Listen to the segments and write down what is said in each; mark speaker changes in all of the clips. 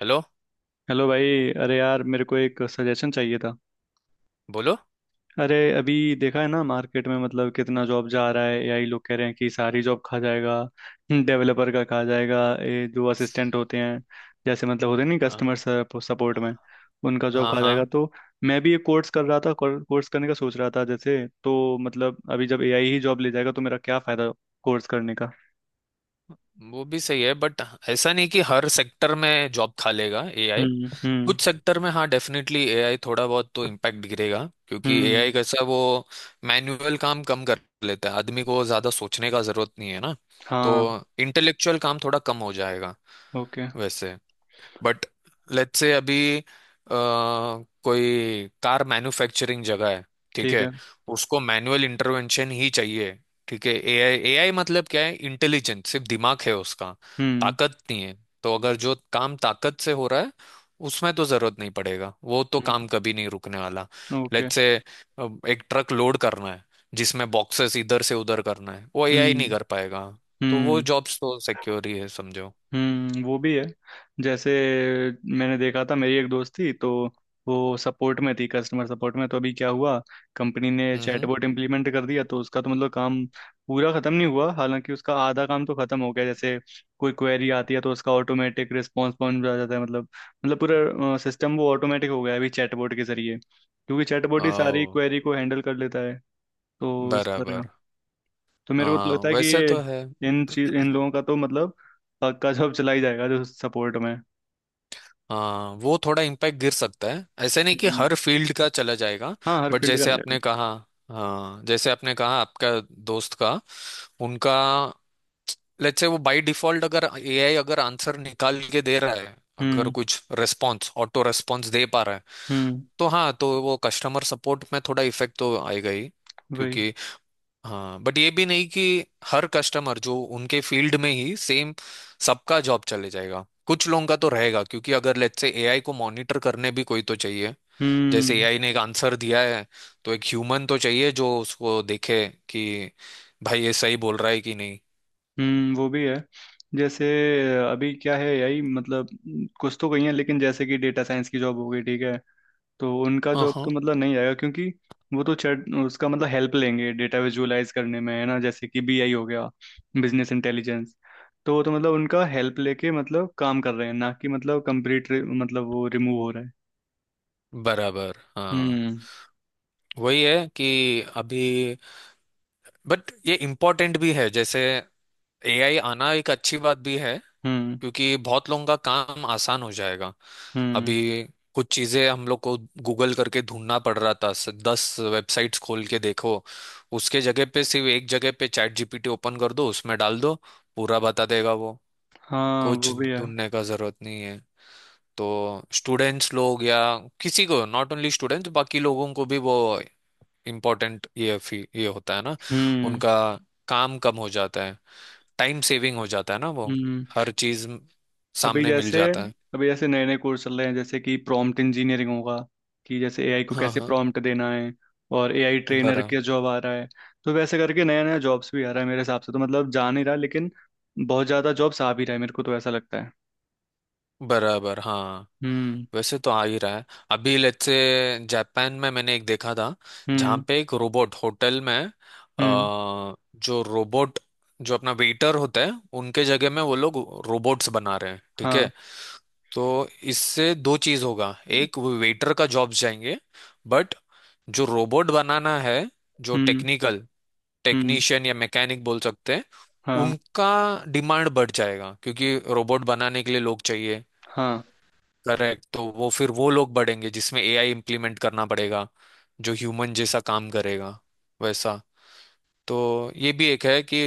Speaker 1: Hello.
Speaker 2: Hello भाई। अरे यार मेरे को एक सजेशन चाहिए था।
Speaker 1: बोलो।
Speaker 2: अरे अभी देखा है ना मार्केट में मतलब कितना जॉब जा रहा है। एआई, लोग कह रहे हैं कि सारी जॉब खा जाएगा, डेवलपर का खा जाएगा, ये जो असिस्टेंट होते हैं जैसे मतलब होते नहीं
Speaker 1: हाँ
Speaker 2: कस्टमर सपोर्ट में, उनका जॉब
Speaker 1: हाँ।
Speaker 2: खा जाएगा।
Speaker 1: हाँ,
Speaker 2: तो मैं भी एक कोर्स कर रहा था, कोर्स करने का सोच रहा था जैसे, तो मतलब अभी जब एआई ही जॉब ले जाएगा तो मेरा क्या फायदा कोर्स करने का।
Speaker 1: वो भी सही है, बट ऐसा नहीं कि हर सेक्टर में जॉब खा लेगा एआई। कुछ
Speaker 2: हम्म।
Speaker 1: सेक्टर में हाँ, डेफिनेटली एआई थोड़ा बहुत तो इम्पैक्ट गिरेगा, क्योंकि
Speaker 2: हम्म।
Speaker 1: एआई कैसा है, वो मैनुअल काम कम कर लेता है, आदमी को ज़्यादा सोचने का ज़रूरत नहीं है ना। तो
Speaker 2: हाँ।
Speaker 1: इंटेलेक्चुअल काम थोड़ा कम हो जाएगा
Speaker 2: ओके।
Speaker 1: वैसे। बट लेट से अभी कोई कार मैन्युफैक्चरिंग जगह है, ठीक
Speaker 2: ठीक
Speaker 1: है,
Speaker 2: है।
Speaker 1: उसको मैनुअल इंटरवेंशन ही चाहिए। ठीक है, एआई एआई मतलब क्या है, इंटेलिजेंट सिर्फ दिमाग है उसका,
Speaker 2: हम्म।
Speaker 1: ताकत नहीं है। तो अगर जो काम ताकत से हो रहा है, उसमें तो जरूरत नहीं पड़ेगा, वो तो
Speaker 2: हम्म,
Speaker 1: काम कभी नहीं रुकने वाला।
Speaker 2: ओके।
Speaker 1: लेट से एक ट्रक लोड करना है जिसमें बॉक्सेस इधर से उधर करना है, वो एआई नहीं
Speaker 2: हम्म।
Speaker 1: कर पाएगा। तो वो
Speaker 2: हम्म।
Speaker 1: जॉब्स तो सिक्योर ही है समझो।
Speaker 2: हम्म, वो भी है। जैसे मैंने देखा था मेरी एक दोस्त थी, तो वो सपोर्ट में थी, कस्टमर सपोर्ट में। तो अभी क्या हुआ, कंपनी ने चैटबॉट इम्प्लीमेंट कर दिया, तो उसका तो मतलब काम पूरा खत्म नहीं हुआ, हालांकि उसका आधा काम तो खत्म हो गया। जैसे कोई क्वेरी आती है तो उसका ऑटोमेटिक रिस्पॉन्स पहुंच जाता है मतलब, मतलब पूरा सिस्टम वो ऑटोमेटिक हो गया है अभी चैटबॉट के जरिए, क्योंकि चैटबॉट ही सारी
Speaker 1: हम्म।
Speaker 2: क्वेरी को हैंडल कर लेता है। तो इस तरह।
Speaker 1: बराबर।
Speaker 2: तो मेरे को तो
Speaker 1: हाँ
Speaker 2: लगता है कि
Speaker 1: वैसे
Speaker 2: ये
Speaker 1: तो है।
Speaker 2: इन चीज इन लोगों का तो मतलब पक्का जॉब चला ही जाएगा जो सपोर्ट में।
Speaker 1: हाँ वो थोड़ा इम्पैक्ट गिर सकता है, ऐसे नहीं कि
Speaker 2: हम्म।
Speaker 1: हर फील्ड का चला जाएगा।
Speaker 2: हाँ हर
Speaker 1: बट
Speaker 2: फील्ड का
Speaker 1: जैसे आपने
Speaker 2: रहेगा।
Speaker 1: कहा, हाँ जैसे आपने कहा, आपका दोस्त का, उनका, लेट्स से वो बाय डिफॉल्ट अगर एआई अगर आंसर निकाल के दे रहा है, अगर
Speaker 2: हम्म।
Speaker 1: कुछ रेस्पॉन्स ऑटो रेस्पॉन्स दे पा रहा है,
Speaker 2: हम्म।
Speaker 1: तो हाँ, तो वो कस्टमर सपोर्ट में थोड़ा इफेक्ट तो आएगा ही,
Speaker 2: वही।
Speaker 1: क्योंकि हाँ, बट ये भी नहीं कि हर कस्टमर जो उनके फील्ड में ही सेम, सबका जॉब चले जाएगा। कुछ लोगों का तो रहेगा, क्योंकि अगर लेट्स से एआई को मॉनिटर करने भी कोई तो चाहिए। जैसे
Speaker 2: हम्म।
Speaker 1: एआई ने एक आंसर दिया है, तो एक ह्यूमन तो चाहिए जो उसको देखे कि भाई ये सही बोल रहा है कि नहीं।
Speaker 2: हम्म, वो भी है। जैसे अभी क्या है, यही मतलब कुछ तो कही है, लेकिन जैसे कि डेटा साइंस की जॉब हो गई, ठीक है, तो उनका जॉब
Speaker 1: हाँ।
Speaker 2: तो मतलब नहीं आएगा क्योंकि वो तो चैट उसका मतलब हेल्प लेंगे डेटा विजुअलाइज करने में है ना, जैसे कि बीआई हो गया, बिजनेस इंटेलिजेंस। तो वो तो मतलब उनका हेल्प लेके मतलब काम कर रहे हैं ना, कि मतलब कंप्लीट मतलब वो रिमूव हो रहा है।
Speaker 1: बराबर। हाँ
Speaker 2: हम्म।
Speaker 1: वही है कि अभी, बट ये इम्पोर्टेंट भी है, जैसे एआई आना एक अच्छी बात भी है,
Speaker 2: हम्म।
Speaker 1: क्योंकि बहुत लोगों का काम आसान हो जाएगा।
Speaker 2: हम्म।
Speaker 1: अभी कुछ चीजें हम लोग को गूगल करके ढूंढना पड़ रहा था, 10 वेबसाइट्स खोल के देखो, उसके जगह पे सिर्फ एक जगह पे चैट जीपीटी ओपन कर दो, उसमें डाल दो, पूरा बता देगा वो।
Speaker 2: हाँ
Speaker 1: कुछ
Speaker 2: वो भी है।
Speaker 1: ढूंढने का जरूरत नहीं है। तो स्टूडेंट्स लोग या किसी को, नॉट ओनली स्टूडेंट्स, बाकी लोगों को भी वो इम्पोर्टेंट ये ये होता है ना।
Speaker 2: हम्म।
Speaker 1: उनका काम कम हो जाता है, टाइम सेविंग हो जाता है ना वो,
Speaker 2: हम्म।
Speaker 1: हर चीज
Speaker 2: अभी
Speaker 1: सामने मिल
Speaker 2: जैसे,
Speaker 1: जाता है।
Speaker 2: अभी जैसे नए नए कोर्स चल रहे हैं, जैसे कि प्रॉम्प्ट इंजीनियरिंग होगा, कि जैसे एआई को
Speaker 1: हाँ
Speaker 2: कैसे
Speaker 1: हाँ।
Speaker 2: प्रॉम्प्ट देना है, और एआई ट्रेनर
Speaker 1: बरा
Speaker 2: के जॉब आ रहा है। तो वैसे करके नया नया जॉब्स भी आ रहा है मेरे हिसाब से, तो मतलब जा नहीं रहा, लेकिन बहुत ज़्यादा जॉब्स आ भी रहा है, मेरे को तो ऐसा लगता है।
Speaker 1: बराबर। हाँ
Speaker 2: हम्म।
Speaker 1: वैसे तो आ ही रहा है। अभी लेट्स से जापान में मैंने एक देखा था जहाँ
Speaker 2: हम्म।
Speaker 1: पे एक रोबोट होटल में,
Speaker 2: हम्म।
Speaker 1: जो रोबोट जो अपना वेटर होता है, उनके जगह में वो लोग रोबोट्स बना रहे हैं, ठीक है।
Speaker 2: हाँ।
Speaker 1: तो इससे दो चीज होगा, एक वेटर का जॉब्स जाएंगे, बट जो रोबोट बनाना है, जो
Speaker 2: हम्म।
Speaker 1: टेक्निकल
Speaker 2: हम्म।
Speaker 1: टेक्नीशियन या मैकेनिक बोल सकते हैं,
Speaker 2: हाँ।
Speaker 1: उनका डिमांड बढ़ जाएगा, क्योंकि रोबोट बनाने के लिए लोग चाहिए।
Speaker 2: हाँ।
Speaker 1: करेक्ट, तो वो फिर वो लोग बढ़ेंगे जिसमें एआई इम्प्लीमेंट करना पड़ेगा, जो ह्यूमन जैसा काम करेगा वैसा। तो ये भी एक है कि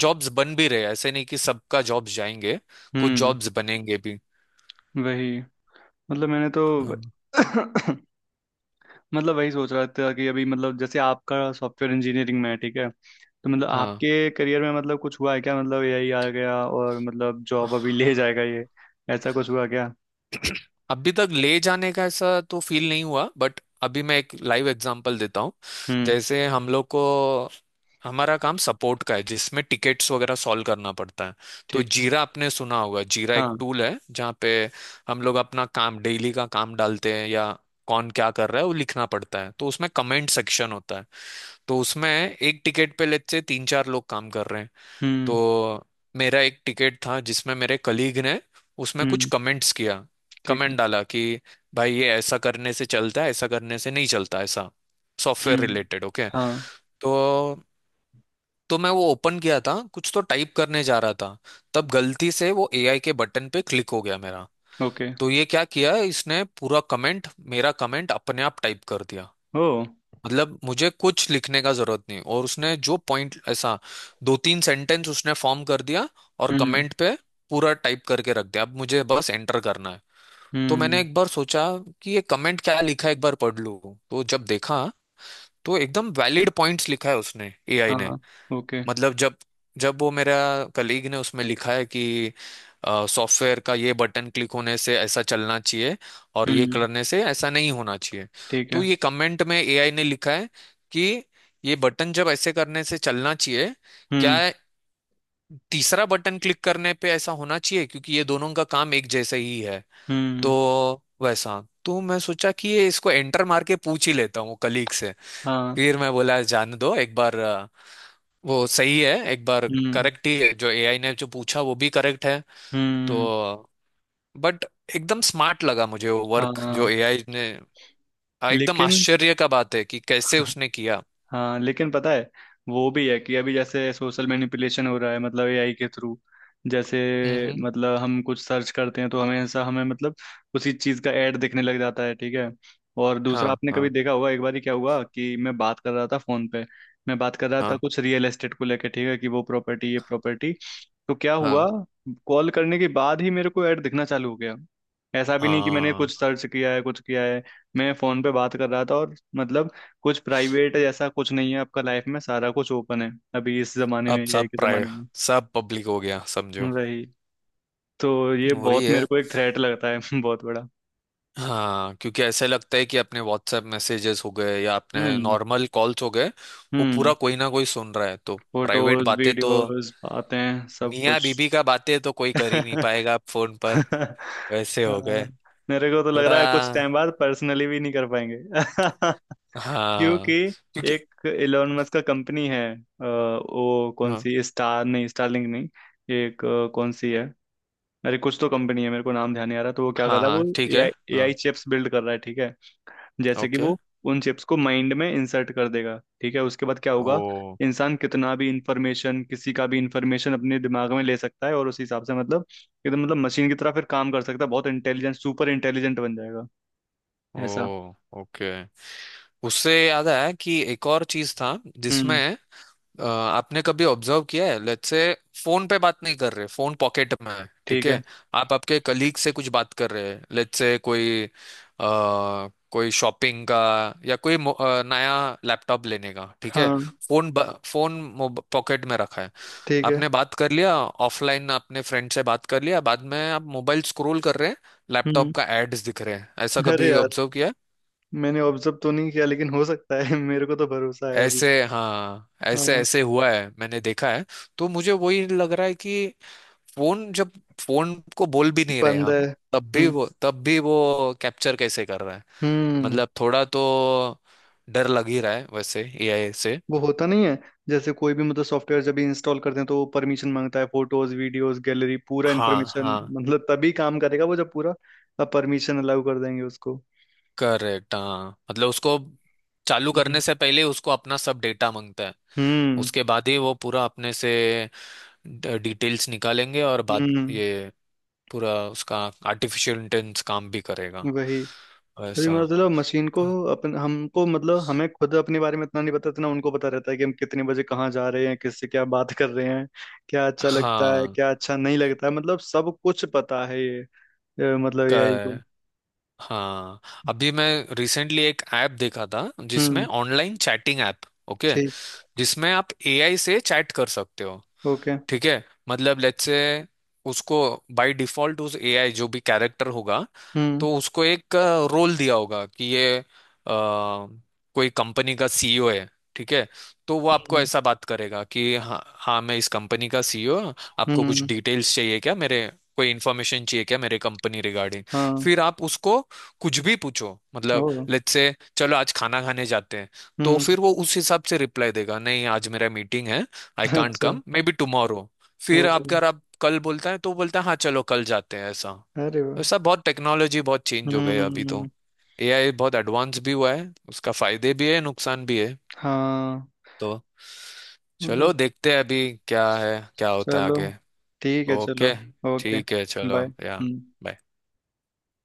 Speaker 1: जॉब्स बन भी रहे हैं, ऐसे नहीं कि सबका जॉब्स जाएंगे। कुछ
Speaker 2: हम्म।
Speaker 1: जॉब्स बनेंगे भी।
Speaker 2: वही, मतलब मैंने तो
Speaker 1: हाँ।
Speaker 2: मतलब वही सोच रहा था कि अभी मतलब जैसे आपका सॉफ्टवेयर इंजीनियरिंग में है ठीक है, तो मतलब आपके करियर में मतलब कुछ हुआ है क्या, मतलब यही आ गया और मतलब
Speaker 1: हाँ
Speaker 2: जॉब अभी ले जाएगा ये, ऐसा कुछ हुआ क्या।
Speaker 1: अभी तक ले जाने का ऐसा तो फील नहीं हुआ, बट अभी मैं एक लाइव एग्जांपल देता हूँ।
Speaker 2: हम्म।
Speaker 1: जैसे हम लोग को, हमारा काम सपोर्ट का है जिसमें टिकेट्स वगैरह सॉल्व करना पड़ता है। तो
Speaker 2: ठीक है।
Speaker 1: जीरा आपने सुना होगा, जीरा एक
Speaker 2: हाँ।
Speaker 1: टूल है जहाँ पे हम लोग अपना काम, डेली का काम डालते हैं, या कौन क्या कर रहा है वो लिखना पड़ता है। तो उसमें कमेंट सेक्शन होता है। तो उसमें एक टिकट पे लेते से तीन चार लोग काम कर रहे हैं।
Speaker 2: हम्म।
Speaker 1: तो मेरा एक टिकट था जिसमें मेरे कलीग ने उसमें कुछ
Speaker 2: हम्म।
Speaker 1: कमेंट्स किया,
Speaker 2: ठीक
Speaker 1: कमेंट
Speaker 2: है।
Speaker 1: डाला कि भाई ये ऐसा करने से चलता है, ऐसा करने से नहीं चलता, ऐसा सॉफ्टवेयर
Speaker 2: हम्म।
Speaker 1: रिलेटेड। ओके,
Speaker 2: हाँ।
Speaker 1: तो तो मैं वो ओपन किया था, कुछ तो टाइप करने जा रहा था, तब गलती से वो एआई के बटन पे क्लिक हो गया मेरा।
Speaker 2: ओके।
Speaker 1: तो ये क्या किया इसने, पूरा कमेंट, मेरा कमेंट अपने आप टाइप कर दिया।
Speaker 2: ओ।
Speaker 1: मतलब मुझे कुछ लिखने का जरूरत नहीं, और उसने जो पॉइंट ऐसा, दो तीन सेंटेंस उसने फॉर्म कर दिया, और
Speaker 2: हम्म।
Speaker 1: कमेंट पे पूरा टाइप करके रख दिया, अब मुझे बस एंटर करना है। तो मैंने
Speaker 2: हम्म।
Speaker 1: एक बार सोचा कि ये कमेंट क्या लिखा है, एक बार पढ़ लूँ। तो जब देखा, तो एकदम वैलिड पॉइंट्स लिखा है उसने, एआई ने।
Speaker 2: हाँ। ओके।
Speaker 1: मतलब जब जब वो मेरा कलीग ने उसमें लिखा है कि सॉफ्टवेयर का ये बटन क्लिक होने से ऐसा चलना चाहिए और ये
Speaker 2: हम्म।
Speaker 1: करने से ऐसा नहीं होना चाहिए।
Speaker 2: ठीक
Speaker 1: तो
Speaker 2: है।
Speaker 1: ये कमेंट में एआई ने लिखा है कि ये बटन जब ऐसे करने से चलना चाहिए, क्या
Speaker 2: हम्म।
Speaker 1: तीसरा बटन क्लिक करने पे ऐसा होना चाहिए, क्योंकि ये दोनों का काम एक जैसा ही है। तो
Speaker 2: हम्म।
Speaker 1: वैसा तो मैं सोचा कि ये इसको एंटर मार के पूछ ही लेता हूँ कलीग से।
Speaker 2: हाँ।
Speaker 1: फिर मैं बोला जाने दो एक बार, वो सही है एक बार,
Speaker 2: हम्म।
Speaker 1: करेक्ट ही है जो एआई ने, जो पूछा वो भी करेक्ट है। तो
Speaker 2: हम्म।
Speaker 1: बट एकदम स्मार्ट लगा मुझे वो वर्क जो
Speaker 2: हाँ
Speaker 1: एआई ने। एकदम
Speaker 2: लेकिन
Speaker 1: आश्चर्य का बात है कि कैसे उसने किया।
Speaker 2: हाँ लेकिन पता है, वो भी है कि अभी जैसे सोशल मैनिपुलेशन हो रहा है मतलब एआई के थ्रू, जैसे,
Speaker 1: हम्म।
Speaker 2: मतलब हम कुछ सर्च करते हैं तो हमेशा हमें मतलब उसी चीज़ का ऐड दिखने लग जाता है, ठीक है। और दूसरा
Speaker 1: हाँ
Speaker 2: आपने कभी
Speaker 1: हाँ।
Speaker 2: देखा होगा, एक बार ही क्या हुआ कि मैं बात कर रहा था फोन पे, मैं बात कर रहा था
Speaker 1: हाँ
Speaker 2: कुछ रियल एस्टेट को लेके, ठीक है, कि वो प्रॉपर्टी ये प्रॉपर्टी। तो क्या हुआ,
Speaker 1: हाँ।
Speaker 2: कॉल करने के बाद ही मेरे को ऐड दिखना चालू हो गया। ऐसा भी नहीं कि मैंने कुछ
Speaker 1: हाँ।
Speaker 2: सर्च किया है कुछ किया है, मैं फोन पे बात कर रहा था। और मतलब कुछ प्राइवेट जैसा कुछ नहीं है, आपका लाइफ में सारा कुछ ओपन है अभी, इस जमाने में,
Speaker 1: अब
Speaker 2: एआई के जमाने में।
Speaker 1: सब पब्लिक हो गया समझो।
Speaker 2: वही। तो ये
Speaker 1: वही
Speaker 2: बहुत मेरे
Speaker 1: है।
Speaker 2: को एक थ्रेट लगता है बहुत बड़ा।
Speaker 1: हाँ क्योंकि ऐसे लगता है कि अपने व्हाट्सएप मैसेजेस हो गए या अपने
Speaker 2: हम्म।
Speaker 1: नॉर्मल कॉल्स हो गए, वो पूरा
Speaker 2: हम्म।
Speaker 1: कोई ना कोई सुन रहा है। तो प्राइवेट
Speaker 2: फोटोज
Speaker 1: बातें तो,
Speaker 2: वीडियोस बातें सब
Speaker 1: मियाँ
Speaker 2: कुछ।
Speaker 1: बीबी का बातें तो कोई कर ही नहीं पाएगा अब फोन पर, वैसे हो
Speaker 2: हाँ,
Speaker 1: गए।
Speaker 2: मेरे को तो लग
Speaker 1: थोड़ा
Speaker 2: रहा है कुछ टाइम बाद पर्सनली भी नहीं कर पाएंगे क्योंकि
Speaker 1: हाँ। क्योंकि
Speaker 2: एक इलोन मस्क का कंपनी है, वो कौन
Speaker 1: हाँ।
Speaker 2: सी, स्टार नहीं, स्टारलिंक नहीं, एक कौन सी है, अरे कुछ तो कंपनी है मेरे को नाम ध्यान नहीं आ रहा। तो वो क्या कर
Speaker 1: हाँ
Speaker 2: रहा है
Speaker 1: हाँ
Speaker 2: वो,
Speaker 1: ठीक है।
Speaker 2: एआई, एआई
Speaker 1: हाँ।
Speaker 2: चिप्स बिल्ड कर रहा है, ठीक है। जैसे कि
Speaker 1: ओके।
Speaker 2: वो उन चिप्स को माइंड में इंसर्ट कर देगा ठीक है, उसके बाद क्या होगा,
Speaker 1: ओ।
Speaker 2: इंसान कितना भी इंफॉर्मेशन, किसी का भी इंफॉर्मेशन अपने दिमाग में ले सकता है और उस हिसाब से मतलब एकदम मतलब मशीन की तरह फिर काम कर सकता है, बहुत इंटेलिजेंट, सुपर इंटेलिजेंट बन जाएगा,
Speaker 1: ओ
Speaker 2: ऐसा।
Speaker 1: ओके, उससे याद आया कि एक और चीज था
Speaker 2: हम्म।
Speaker 1: जिसमें, आपने कभी ऑब्जर्व किया है, लेट्स से फोन पे बात नहीं कर रहे, फोन पॉकेट में है, ठीक
Speaker 2: ठीक है।
Speaker 1: है। आप आपके कलीग से कुछ बात कर रहे हैं, लेट्स से कोई कोई शॉपिंग का या कोई नया लैपटॉप लेने का, ठीक है।
Speaker 2: हाँ।
Speaker 1: फोन पॉकेट में रखा है।
Speaker 2: ठीक है।
Speaker 1: आपने बात कर लिया, ऑफलाइन आपने फ्रेंड से बात कर लिया, बाद में आप मोबाइल स्क्रॉल कर रहे हैं, लैपटॉप
Speaker 2: हम्म।
Speaker 1: का एड्स दिख रहे हैं। ऐसा
Speaker 2: अरे
Speaker 1: कभी
Speaker 2: यार,
Speaker 1: ऑब्जर्व किया है?
Speaker 2: मैंने ऑब्जर्व तो नहीं किया लेकिन हो सकता है मेरे को तो भरोसा है अभी।
Speaker 1: ऐसे हाँ, ऐसे
Speaker 2: हाँ।
Speaker 1: ऐसे हुआ है, मैंने देखा है। तो मुझे वही लग रहा है कि फोन जब, फोन को बोल भी नहीं रहे
Speaker 2: बंद है
Speaker 1: हम, तब भी
Speaker 2: हम्म।
Speaker 1: वो कैप्चर कैसे कर रहा है।
Speaker 2: हम्म।
Speaker 1: मतलब थोड़ा तो डर लग ही रहा है वैसे एआई से।
Speaker 2: वो होता नहीं है, जैसे कोई भी मतलब सॉफ्टवेयर जब इंस्टॉल करते हैं तो वो परमिशन मांगता है, फोटोज वीडियोस गैलरी पूरा
Speaker 1: हाँ
Speaker 2: इन्फॉर्मेशन,
Speaker 1: हाँ।
Speaker 2: मतलब तभी काम करेगा वो जब पूरा परमिशन अलाउ कर देंगे उसको।
Speaker 1: करेक्ट हाँ, मतलब उसको चालू करने
Speaker 2: हम्म।
Speaker 1: से पहले उसको अपना सब डेटा मांगता है।
Speaker 2: हम्म।
Speaker 1: उसके बाद ही वो पूरा अपने से डिटेल्स निकालेंगे, और बाद
Speaker 2: हम्म,
Speaker 1: ये पूरा उसका आर्टिफिशियल इंटेलिजेंस काम भी करेगा
Speaker 2: वही। अभी
Speaker 1: वैसा।
Speaker 2: मतलब मशीन को, अपन हमको मतलब हमें खुद अपने बारे में इतना नहीं पता, इतना उनको पता रहता है कि हम कितने बजे कहाँ जा रहे हैं, किससे क्या बात कर रहे हैं, क्या अच्छा लगता है
Speaker 1: हाँ।
Speaker 2: क्या अच्छा नहीं लगता है, मतलब सब कुछ पता है ये, मतलब एआई को।
Speaker 1: कर हाँ, अभी मैं रिसेंटली एक ऐप देखा था, जिसमें
Speaker 2: हम्म।
Speaker 1: Online chatting app. ओके,
Speaker 2: ठीक।
Speaker 1: जिसमें आप एआई से चैट कर सकते हो।
Speaker 2: ओके।
Speaker 1: ठीक है मतलब लेट्स से उसको बाय डिफॉल्ट, उस एआई जो भी कैरेक्टर होगा,
Speaker 2: हम्म।
Speaker 1: तो उसको एक रोल दिया होगा कि ये कोई कंपनी का सीईओ है, ठीक है। तो वो आपको
Speaker 2: हम्म।
Speaker 1: ऐसा बात करेगा कि हाँ हाँ मैं इस कंपनी का सीईओ, आपको कुछ
Speaker 2: हम्म।
Speaker 1: डिटेल्स चाहिए क्या मेरे, कोई इन्फॉर्मेशन चाहिए क्या मेरे कंपनी रिगार्डिंग।
Speaker 2: हाँ।
Speaker 1: फिर आप उसको कुछ भी पूछो,
Speaker 2: ओ।
Speaker 1: मतलब लेट्स से चलो आज खाना खाने जाते हैं। तो
Speaker 2: हम्म।
Speaker 1: फिर वो उस हिसाब से रिप्लाई देगा, नहीं आज मेरा मीटिंग है, आई कांट
Speaker 2: अच्छा।
Speaker 1: Come maybe tomorrow.
Speaker 2: ओ।
Speaker 1: फिर आप, अगर आप कल बोलता है, तो वो बोलता है हाँ चलो कल जाते हैं ऐसा।
Speaker 2: अरे वाह।
Speaker 1: वैसा बहुत टेक्नोलॉजी बहुत चेंज हो गई है अभी तो,
Speaker 2: हम्म।
Speaker 1: एआई बहुत एडवांस भी हुआ है, उसका फायदे भी है नुकसान भी है।
Speaker 2: हाँ।
Speaker 1: तो
Speaker 2: मतलब,
Speaker 1: चलो देखते हैं अभी क्या है, क्या होता है
Speaker 2: चलो।
Speaker 1: आगे।
Speaker 2: ठीक है चलो।
Speaker 1: ओके।
Speaker 2: ओके।
Speaker 1: ठीक है
Speaker 2: बाय।
Speaker 1: चलो या,
Speaker 2: हम्म।
Speaker 1: बाय।